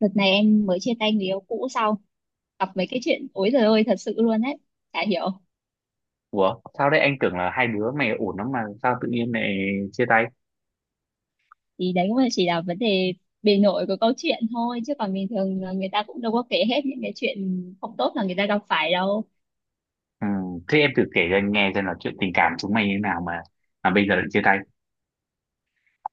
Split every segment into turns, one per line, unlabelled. Đợt này em mới chia tay người yêu cũ sau gặp mấy cái chuyện ối giời ơi, thật sự luôn đấy, chả hiểu.
Ủa, sao đấy, anh tưởng là hai đứa mày ổn lắm mà sao tự nhiên lại chia tay?
Thì đấy cũng là, chỉ là vấn đề bề nổi của câu chuyện thôi, chứ còn bình thường là người ta cũng đâu có kể hết những cái chuyện không tốt là người ta gặp phải đâu.
Ừ. Thế em thử kể cho anh nghe xem là chuyện tình cảm chúng mày như thế nào mà bây giờ lại chia tay.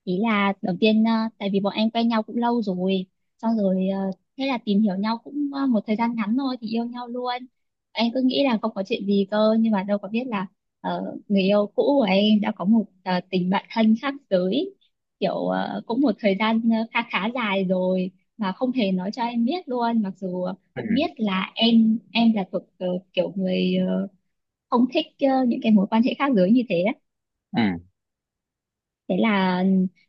Ý là đầu tiên tại vì bọn anh quen nhau cũng lâu rồi, xong rồi thế là tìm hiểu nhau cũng một thời gian ngắn thôi thì yêu nhau luôn. Anh cứ nghĩ là không có chuyện gì cơ, nhưng mà đâu có biết là người yêu cũ của em đã có một tình bạn thân khác giới, kiểu cũng một thời gian khá khá dài rồi, mà không hề nói cho em biết luôn. Mặc dù cũng biết
Ừ.
là em là thuộc kiểu người không thích những cái mối quan hệ khác giới như thế.
Ừ.
Thế là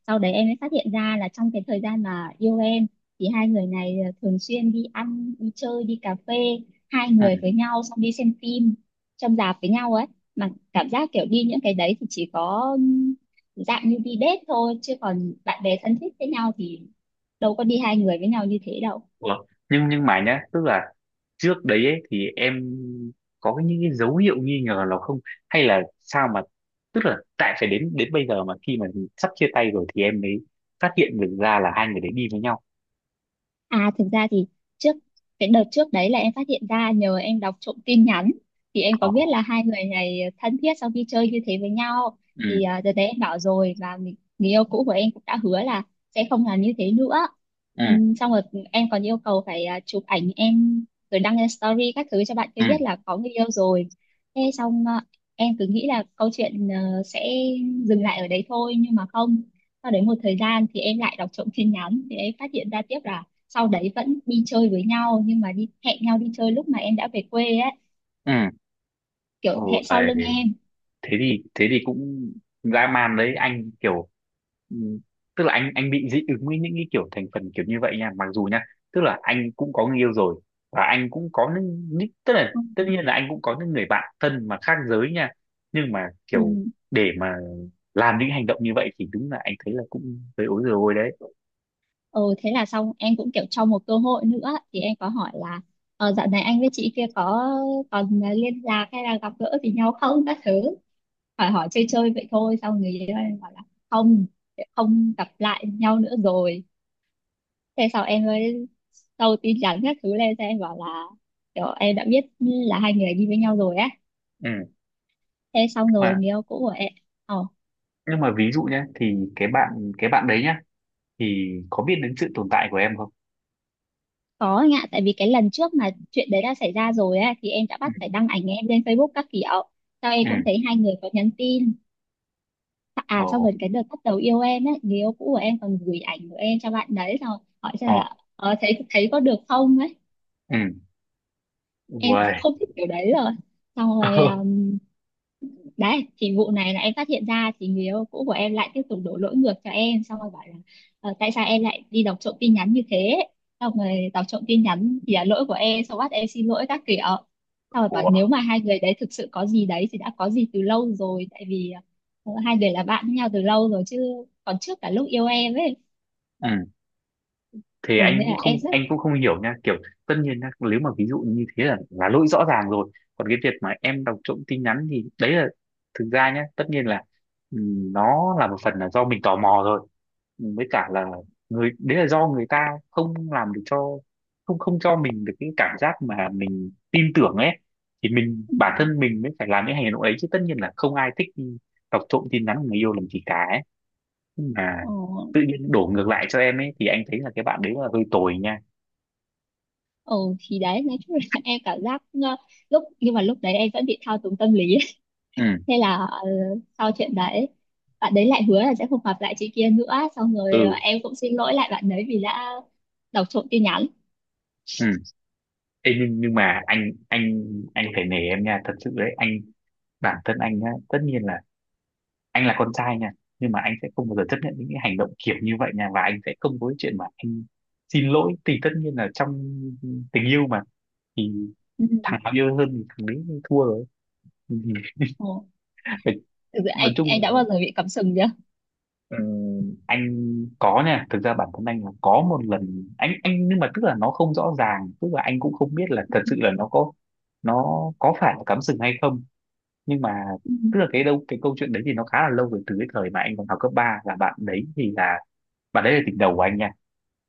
sau đấy em mới phát hiện ra là trong cái thời gian mà yêu em thì hai người này thường xuyên đi ăn, đi chơi, đi cà phê hai
Ừ.
người với nhau, xong đi xem phim trong rạp với nhau ấy. Mà cảm giác kiểu đi những cái đấy thì chỉ có dạng như đi date thôi, chứ còn bạn bè thân thích với nhau thì đâu có đi hai người với nhau như thế đâu.
Ủa, nhưng mà nhá, tức là trước đấy ấy, thì em những cái dấu hiệu nghi ngờ nào không? Hay là sao mà tức là tại phải đến đến bây giờ mà khi mà sắp chia tay rồi thì em mới phát hiện được ra là hai người đấy đi với nhau.
À, thực ra thì trước cái đợt trước đấy là em phát hiện ra nhờ em đọc trộm tin nhắn, thì em có biết
Ồ.
là hai người này thân thiết sau khi chơi như thế với nhau.
Ừ.
Thì đợt đấy em bảo rồi, và người yêu cũ của em cũng đã hứa là sẽ không làm như thế nữa.
Ừ.
Xong rồi em còn yêu cầu phải chụp ảnh em rồi đăng lên story các thứ cho bạn kia
Ừ.
biết là có người yêu rồi. Thế xong, em cứ nghĩ là câu chuyện sẽ dừng lại ở đấy thôi, nhưng mà không. Sau đấy một thời gian thì em lại đọc trộm tin nhắn, thì em phát hiện ra tiếp là sau đấy vẫn đi chơi với nhau, nhưng mà đi hẹn nhau đi chơi lúc mà em đã về quê ấy,
Ừ.
kiểu
Ủa,
hẹn sau lưng em.
thế thì cũng dã man đấy anh, kiểu ừm, tức là anh bị dị ứng với những cái kiểu thành phần kiểu như vậy nha, mặc dù nha tức là anh cũng có người yêu rồi và anh cũng có những tức là tất nhiên là anh cũng có những người bạn thân mà khác giới nha, nhưng mà
Ừ.
kiểu để mà làm những hành động như vậy thì đúng là anh thấy là cũng hơi ối rồi ôi đấy.
ừ Thế là xong em cũng kiểu cho một cơ hội nữa, thì em có hỏi là dạo này anh với chị kia có còn liên lạc hay là gặp gỡ với nhau không các thứ, hỏi hỏi chơi chơi vậy thôi. Xong người yêu em bảo là không, không gặp lại nhau nữa rồi. Thế sau em mới đầu tin nhắn các thứ lên cho em, bảo là kiểu em đã biết là hai người đi với nhau rồi á.
Ừ.
Thế xong rồi
Mà
người yêu cũ của em ờ
nhưng mà ví dụ nhé thì cái bạn đấy nhá thì có biết đến sự tồn tại của em không?
Có anh ạ, tại vì cái lần trước mà chuyện đấy đã xảy ra rồi á, thì em đã
Ừ.
bắt phải đăng ảnh em lên Facebook các kiểu. Sau
Ừ.
em cũng thấy hai người có nhắn tin. À, sau
Ồ.
rồi cái đợt bắt đầu yêu em ấy, người yêu cũ của em còn gửi ảnh của em cho bạn đấy, xong rồi hỏi xem
Ồ.
là thấy thấy có được không ấy.
Ừ.
Em
Uầy.
không thích kiểu đấy rồi. Xong rồi đấy, thì vụ này là em phát hiện ra thì người yêu cũ của em lại tiếp tục đổ lỗi ngược cho em, xong rồi bảo là "Ờ, tại sao em lại đi đọc trộm tin nhắn như thế", xong rồi đọc trộm tin nhắn thì là lỗi của em, xong bắt em xin lỗi các kiểu, xong rồi bảo
Ủa?
nếu mà hai người đấy thực sự có gì đấy thì đã có gì từ lâu rồi, tại vì hai người là bạn với nhau từ lâu rồi chứ, còn trước cả lúc yêu em ấy.
Ừ. Thì
Ồ,
anh
nên là
cũng không
em rất...
anh cũng không hiểu nha, kiểu tất nhiên nhá, nếu mà ví dụ như thế là lỗi rõ ràng rồi, còn cái việc mà em đọc trộm tin nhắn thì đấy là thực ra nhá, tất nhiên là ừ, nó là một phần là do mình tò mò rồi. Ừ, với cả là người đấy là do người ta không làm được cho, không không cho mình được cái cảm giác mà mình tin tưởng ấy, thì mình bản thân mình mới phải làm những hành động đấy, chứ tất nhiên là không ai thích đọc trộm tin nhắn của người yêu làm gì cả mà
Ồ.
tự nhiên đổ ngược lại cho em ấy, thì anh thấy là cái bạn đấy là hơi tồi nha.
Ồ. Thì đấy, nói chung là em cảm giác nhưng mà lúc đấy em vẫn bị thao túng tâm lý.
Ừ.
Thế là sau chuyện đấy bạn đấy lại hứa là sẽ không gặp lại chị kia nữa, xong rồi
Ừ.
em cũng xin lỗi lại bạn đấy vì đã đọc trộm tin nhắn.
Ừ. Ê, nhưng mà anh phải nể em nha, thật sự đấy anh, bản thân anh á, tất nhiên là anh là con trai nha, nhưng mà anh sẽ không bao giờ chấp nhận những cái hành động kiểu như vậy nha, và anh sẽ không có cái chuyện mà anh xin lỗi. Thì tất nhiên là trong tình yêu mà, thì
Ừ.
thằng nào yêu hơn thì thằng đấy thua rồi.
Ồ, thực sự
Nói
anh
chung,
anh đã bao giờ bị cắm sừng chưa?
ừ, anh có nha, thực ra bản thân anh là có một lần anh nhưng mà tức là nó không rõ ràng, tức là anh cũng không biết là thật sự là nó có phải là cắm sừng hay không, nhưng mà
Ừ.
tức là cái câu chuyện đấy thì nó khá là lâu rồi, từ cái thời mà anh còn học cấp ba. Là bạn đấy là tình đầu của anh nha,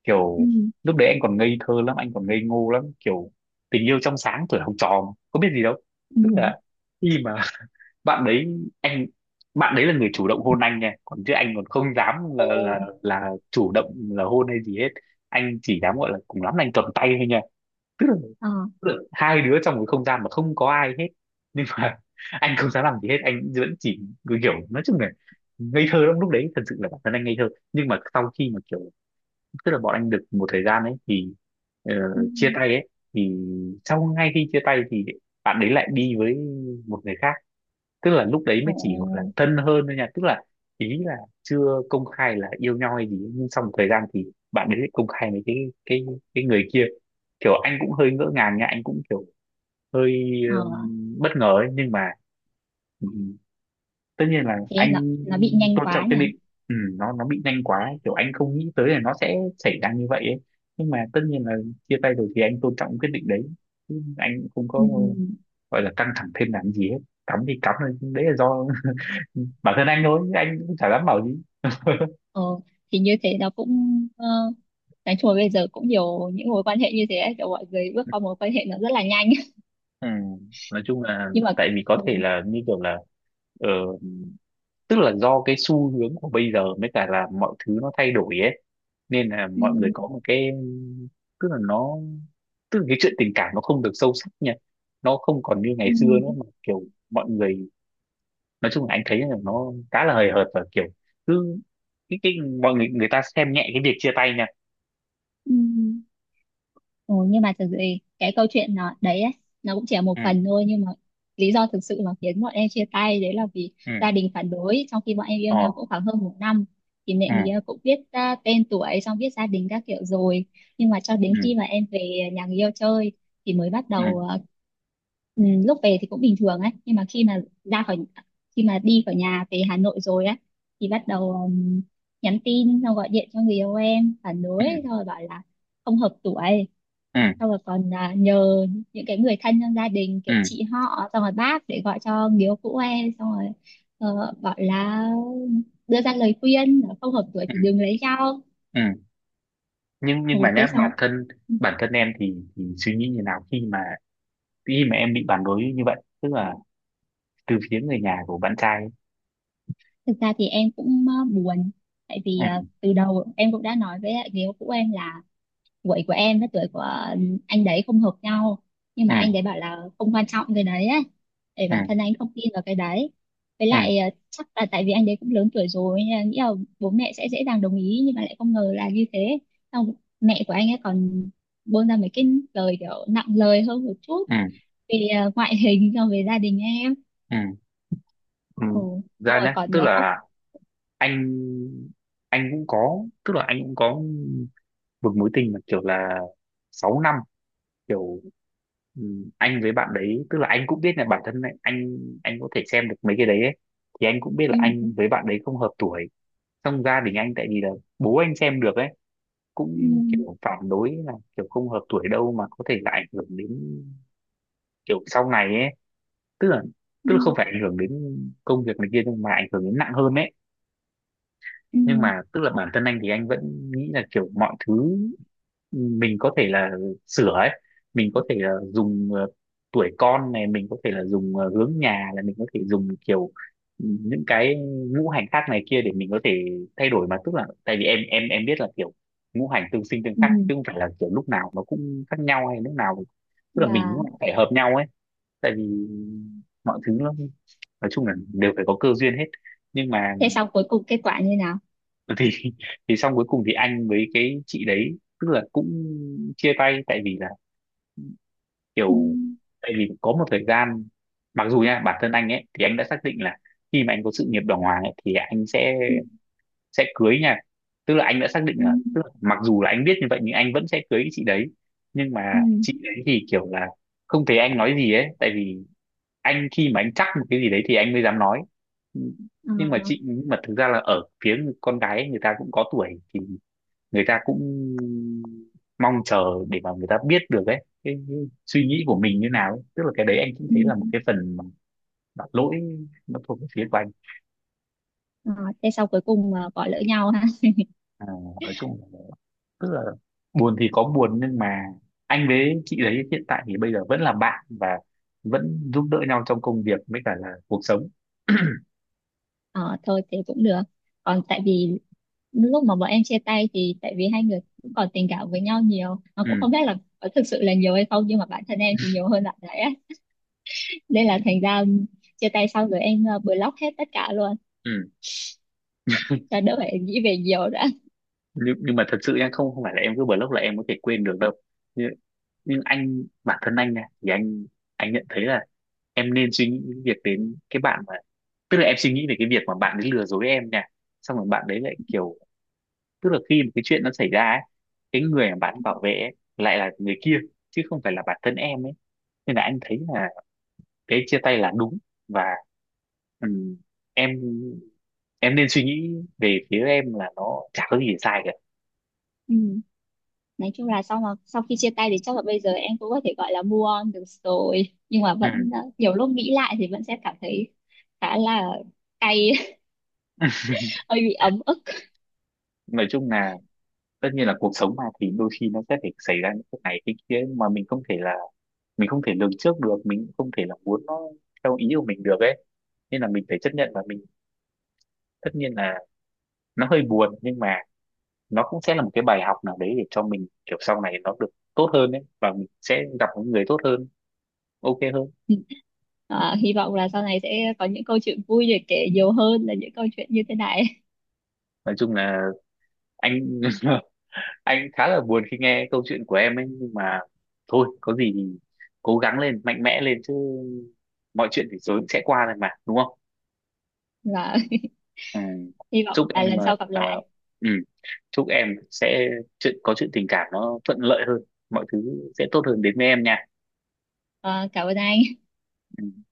kiểu
Ừ.
lúc đấy anh còn ngây thơ lắm, anh còn ngây ngô lắm, kiểu tình yêu trong sáng tuổi học trò mà, có biết gì đâu.
Ừ.
Tức là khi mà bạn đấy anh bạn đấy là người chủ động hôn anh nha, còn chứ anh còn không dám là
Ồ.
chủ động là hôn hay gì hết, anh chỉ dám gọi là cùng lắm là anh cầm tay thôi nha, tức là,
Ờ.
tức là hai đứa trong cái không gian mà không có ai hết, nhưng mà anh không dám làm gì hết, anh vẫn chỉ cứ kiểu, nói chung là ngây thơ lắm lúc đấy, thật sự là bản thân anh ngây thơ. Nhưng mà sau khi mà kiểu, tức là bọn anh được một thời gian ấy, thì ờ,
Ừ.
chia tay ấy, thì sau ngay khi chia tay thì bạn đấy lại đi với một người khác. Tức là lúc đấy
Ồ.
mới chỉ gọi là thân hơn thôi nha, tức là ý là chưa công khai là yêu nhau hay gì, nhưng sau một thời gian thì bạn ấy lại công khai với cái cái người kia, kiểu anh cũng hơi ngỡ ngàng nha, anh cũng kiểu hơi
Ờ.
bất ngờ ấy, nhưng mà ừm, tất nhiên là
Thế nó
anh
nó bị nhanh
tôn
quá
trọng
nhỉ?
cái định. Ừ, nó bị nhanh quá ấy, kiểu anh không nghĩ tới là nó sẽ xảy ra như vậy ấy, nhưng mà tất nhiên là chia tay rồi thì anh tôn trọng quyết định đấy. Chứ anh cũng không
Ừ.
có gọi là căng thẳng thêm làm gì hết, cắm thì cắm thôi, đấy là do, ừ, bản thân anh thôi, chứ anh cũng chả dám bảo gì.
Ờ, thì như thế nó cũng ờ, nói chung là bây giờ cũng nhiều những mối quan hệ như thế ấy, kiểu mọi người bước qua mối quan hệ nó rất là nhanh.
Ừ. Nói chung là
Nhưng mà
tại vì có
ừ.
thể là như kiểu là ờ, tức là do cái xu hướng của bây giờ, mới cả là mọi thứ nó thay đổi ấy, nên là
Ừ.
mọi người có một cái, tức là nó tức là cái chuyện tình cảm nó không được sâu sắc nha, nó không còn như
Ừ.
ngày xưa nữa mà kiểu mọi người, nói chung là anh thấy là nó khá là hời hợt, và kiểu cứ cái mọi người người ta xem nhẹ cái việc chia tay nha.
Ừ. Ừ, nhưng mà thực sự thì cái câu chuyện nó đấy ấy, nó cũng chỉ là
Ừ.
một phần thôi, nhưng mà lý do thực sự mà khiến bọn em chia tay đấy là vì
Ừ.
gia đình phản đối. Trong khi bọn em yêu
Ờ.
nhau cũng khoảng hơn một năm, thì mẹ mía
Ừ.
cũng biết tên tuổi, xong biết gia đình các kiểu rồi. Nhưng mà cho đến
Ừ.
khi mà em về nhà người yêu chơi thì mới bắt
Ừ.
đầu ừ, lúc về thì cũng bình thường ấy, nhưng mà khi mà ra khỏi, khi mà đi khỏi nhà về Hà Nội rồi ấy, thì bắt đầu nhắn tin xong gọi điện cho người yêu em phản đối, xong rồi bảo là không hợp tuổi.
Ừ.
Xong rồi còn nhờ những cái người thân trong gia đình,
Ừ.
kiểu chị họ, xong rồi bác để gọi cho biếu cũ em, xong rồi bảo là đưa ra lời khuyên là không hợp tuổi
Ừ.
thì đừng lấy nhau.
Ừ. Nhưng
Ừ,
nhưng mà
thế
nhé, bản
xong,
thân
ừ,
bản thân em thì, suy nghĩ như nào khi mà em bị phản đối như vậy, tức là từ phía người nhà của bạn trai
thực ra thì em cũng buồn, tại vì
ấy.
từ đầu em cũng đã nói với lại người yêu cũ em là tuổi của em với tuổi của anh đấy không hợp nhau, nhưng mà anh
Ừ.
đấy bảo là không quan trọng cái đấy ấy, để
Ừ.
bản thân anh không tin vào cái đấy. Với
Ừ.
lại chắc là tại vì anh đấy cũng lớn tuổi rồi nên là nghĩ là bố mẹ sẽ dễ dàng đồng ý, nhưng mà lại không ngờ là như thế. Xong mẹ của anh ấy còn buông ra mấy cái lời kiểu nặng lời hơn một chút
Ừ. Ừ.
về ngoại hình so với gia đình em.
Ừ. Ừ.
Ừ. Xong
Ra
rồi
nhé,
còn
tức
khóc.
là anh anh cũng có tức là anh cũng có một mối tình mà kiểu là 6 năm, kiểu ừ, anh với bạn đấy, tức là anh cũng biết là bản thân anh có thể xem được mấy cái đấy ấy. Thì anh cũng biết là
Ừ.
anh với bạn đấy không hợp tuổi. Trong gia đình anh, tại vì là bố anh xem được ấy,
Ừ.
cũng kiểu phản đối là kiểu không hợp tuổi đâu, mà có thể là ảnh hưởng đến kiểu sau này ấy, tức là
Ừ.
tức là không phải ảnh hưởng đến công việc này kia, nhưng mà ảnh hưởng đến nặng hơn ấy. Nhưng
Ừ.
mà tức là bản thân anh thì anh vẫn nghĩ là kiểu mọi thứ mình có thể là sửa ấy, mình có thể là dùng tuổi con này, mình có thể là dùng hướng nhà, là mình có thể dùng kiểu những cái ngũ hành khác này kia để mình có thể thay đổi mà. Tức là tại vì em biết là kiểu ngũ hành tương sinh tương
Ừ.
khắc,
Ừ.
chứ không phải là kiểu lúc nào nó cũng khác nhau hay lúc nào tức là mình cũng
Và...
phải hợp nhau ấy, tại vì mọi thứ nó nói chung là đều phải có cơ duyên hết. Nhưng mà
Thế xong, cuối cùng kết quả như nào?
thì thì xong cuối cùng thì anh với cái chị đấy tức là cũng chia tay, tại vì là
Ừ.
kiểu tại vì có một thời gian, mặc dù nha bản thân anh ấy thì anh đã xác định là khi mà anh có sự nghiệp đàng hoàng ấy, thì anh sẽ
Ừ.
sẽ cưới nha, tức là anh đã xác định
Ừ.
là tức là mặc dù là anh biết như vậy, nhưng anh vẫn sẽ cưới cái chị đấy. Nhưng
Ừ.
mà chị đấy thì kiểu là không thấy anh nói gì ấy, tại vì anh khi mà anh chắc một cái gì đấy thì anh mới dám nói.
Ờ.
Nhưng mà nhưng mà thực ra là ở phía con gái ấy, người ta cũng có tuổi thì người ta cũng mong chờ để mà người ta biết được ấy cái suy nghĩ của mình như nào ấy. Tức là cái đấy anh cũng thấy là một
Ừ.
cái phần mà lỗi nó thuộc về phía của anh.
Ờ. Thế sau cuối cùng bỏ lỡ nhau ha?
À, nói chung là tức là buồn thì có buồn, nhưng mà anh với chị đấy hiện tại thì bây giờ vẫn là bạn, và vẫn giúp đỡ nhau trong công việc với cả là cuộc sống.
Ờ thôi, thế cũng được. Còn tại vì lúc mà bọn em chia tay thì tại vì hai người cũng còn tình cảm với nhau nhiều, mà cũng
Ừ.
không biết là có thực sự là nhiều hay không, nhưng mà bản thân em thì nhiều hơn bạn đấy á. Nên là thành ra chia tay xong rồi em block hết tất cả luôn
Ừ.
cho đỡ phải nghĩ về nhiều đã.
nhưng mà thật sự nha, không không phải là em cứ block là em có thể quên được đâu, nhưng, nhưng anh bản thân anh nha, thì anh nhận thấy là em nên suy nghĩ những việc đến cái bạn mà, tức là em suy nghĩ về cái việc mà bạn ấy lừa dối em nha, xong rồi bạn đấy lại kiểu, tức là khi mà cái chuyện nó xảy ra ấy, cái người mà bạn bảo vệ ấy, lại là người kia chứ không phải là bản thân em ấy, nên là anh thấy là cái chia tay là đúng. Và ừm, em em nên suy nghĩ về phía em là nó chả có gì để sai cả.
Ừ. Nói chung là sau mà sau khi chia tay thì chắc là bây giờ em cũng có thể gọi là move on được rồi, nhưng mà
À.
vẫn nhiều lúc nghĩ lại thì vẫn sẽ cảm thấy khá là cay, hơi bị ấm ức.
Nói chung là tất nhiên là cuộc sống mà, thì đôi khi nó sẽ phải xảy ra những cái này cái kia mà mình không thể lường trước được, mình cũng không thể là muốn nó theo ý của mình được ấy, nên là mình phải chấp nhận, và mình tất nhiên là nó hơi buồn, nhưng mà nó cũng sẽ là một cái bài học nào đấy để cho mình kiểu sau này nó được tốt hơn ấy, và mình sẽ gặp những người tốt hơn, ok hơn.
À, hy vọng là sau này sẽ có những câu chuyện vui để kể nhiều hơn là những câu chuyện như thế này.
Nói chung là anh anh khá là buồn khi nghe câu chuyện của em ấy, nhưng mà thôi, có gì thì cố gắng lên, mạnh mẽ lên chứ, mọi chuyện thì rồi cũng sẽ qua thôi mà, đúng không?
Và
Ừ.
hy vọng
Chúc
là
em
lần sau gặp lại.
ừ. chúc em sẽ chuyện tình cảm nó thuận lợi hơn, mọi thứ sẽ tốt hơn đến với em nha.
À, cảm ơn anh.
Ừ.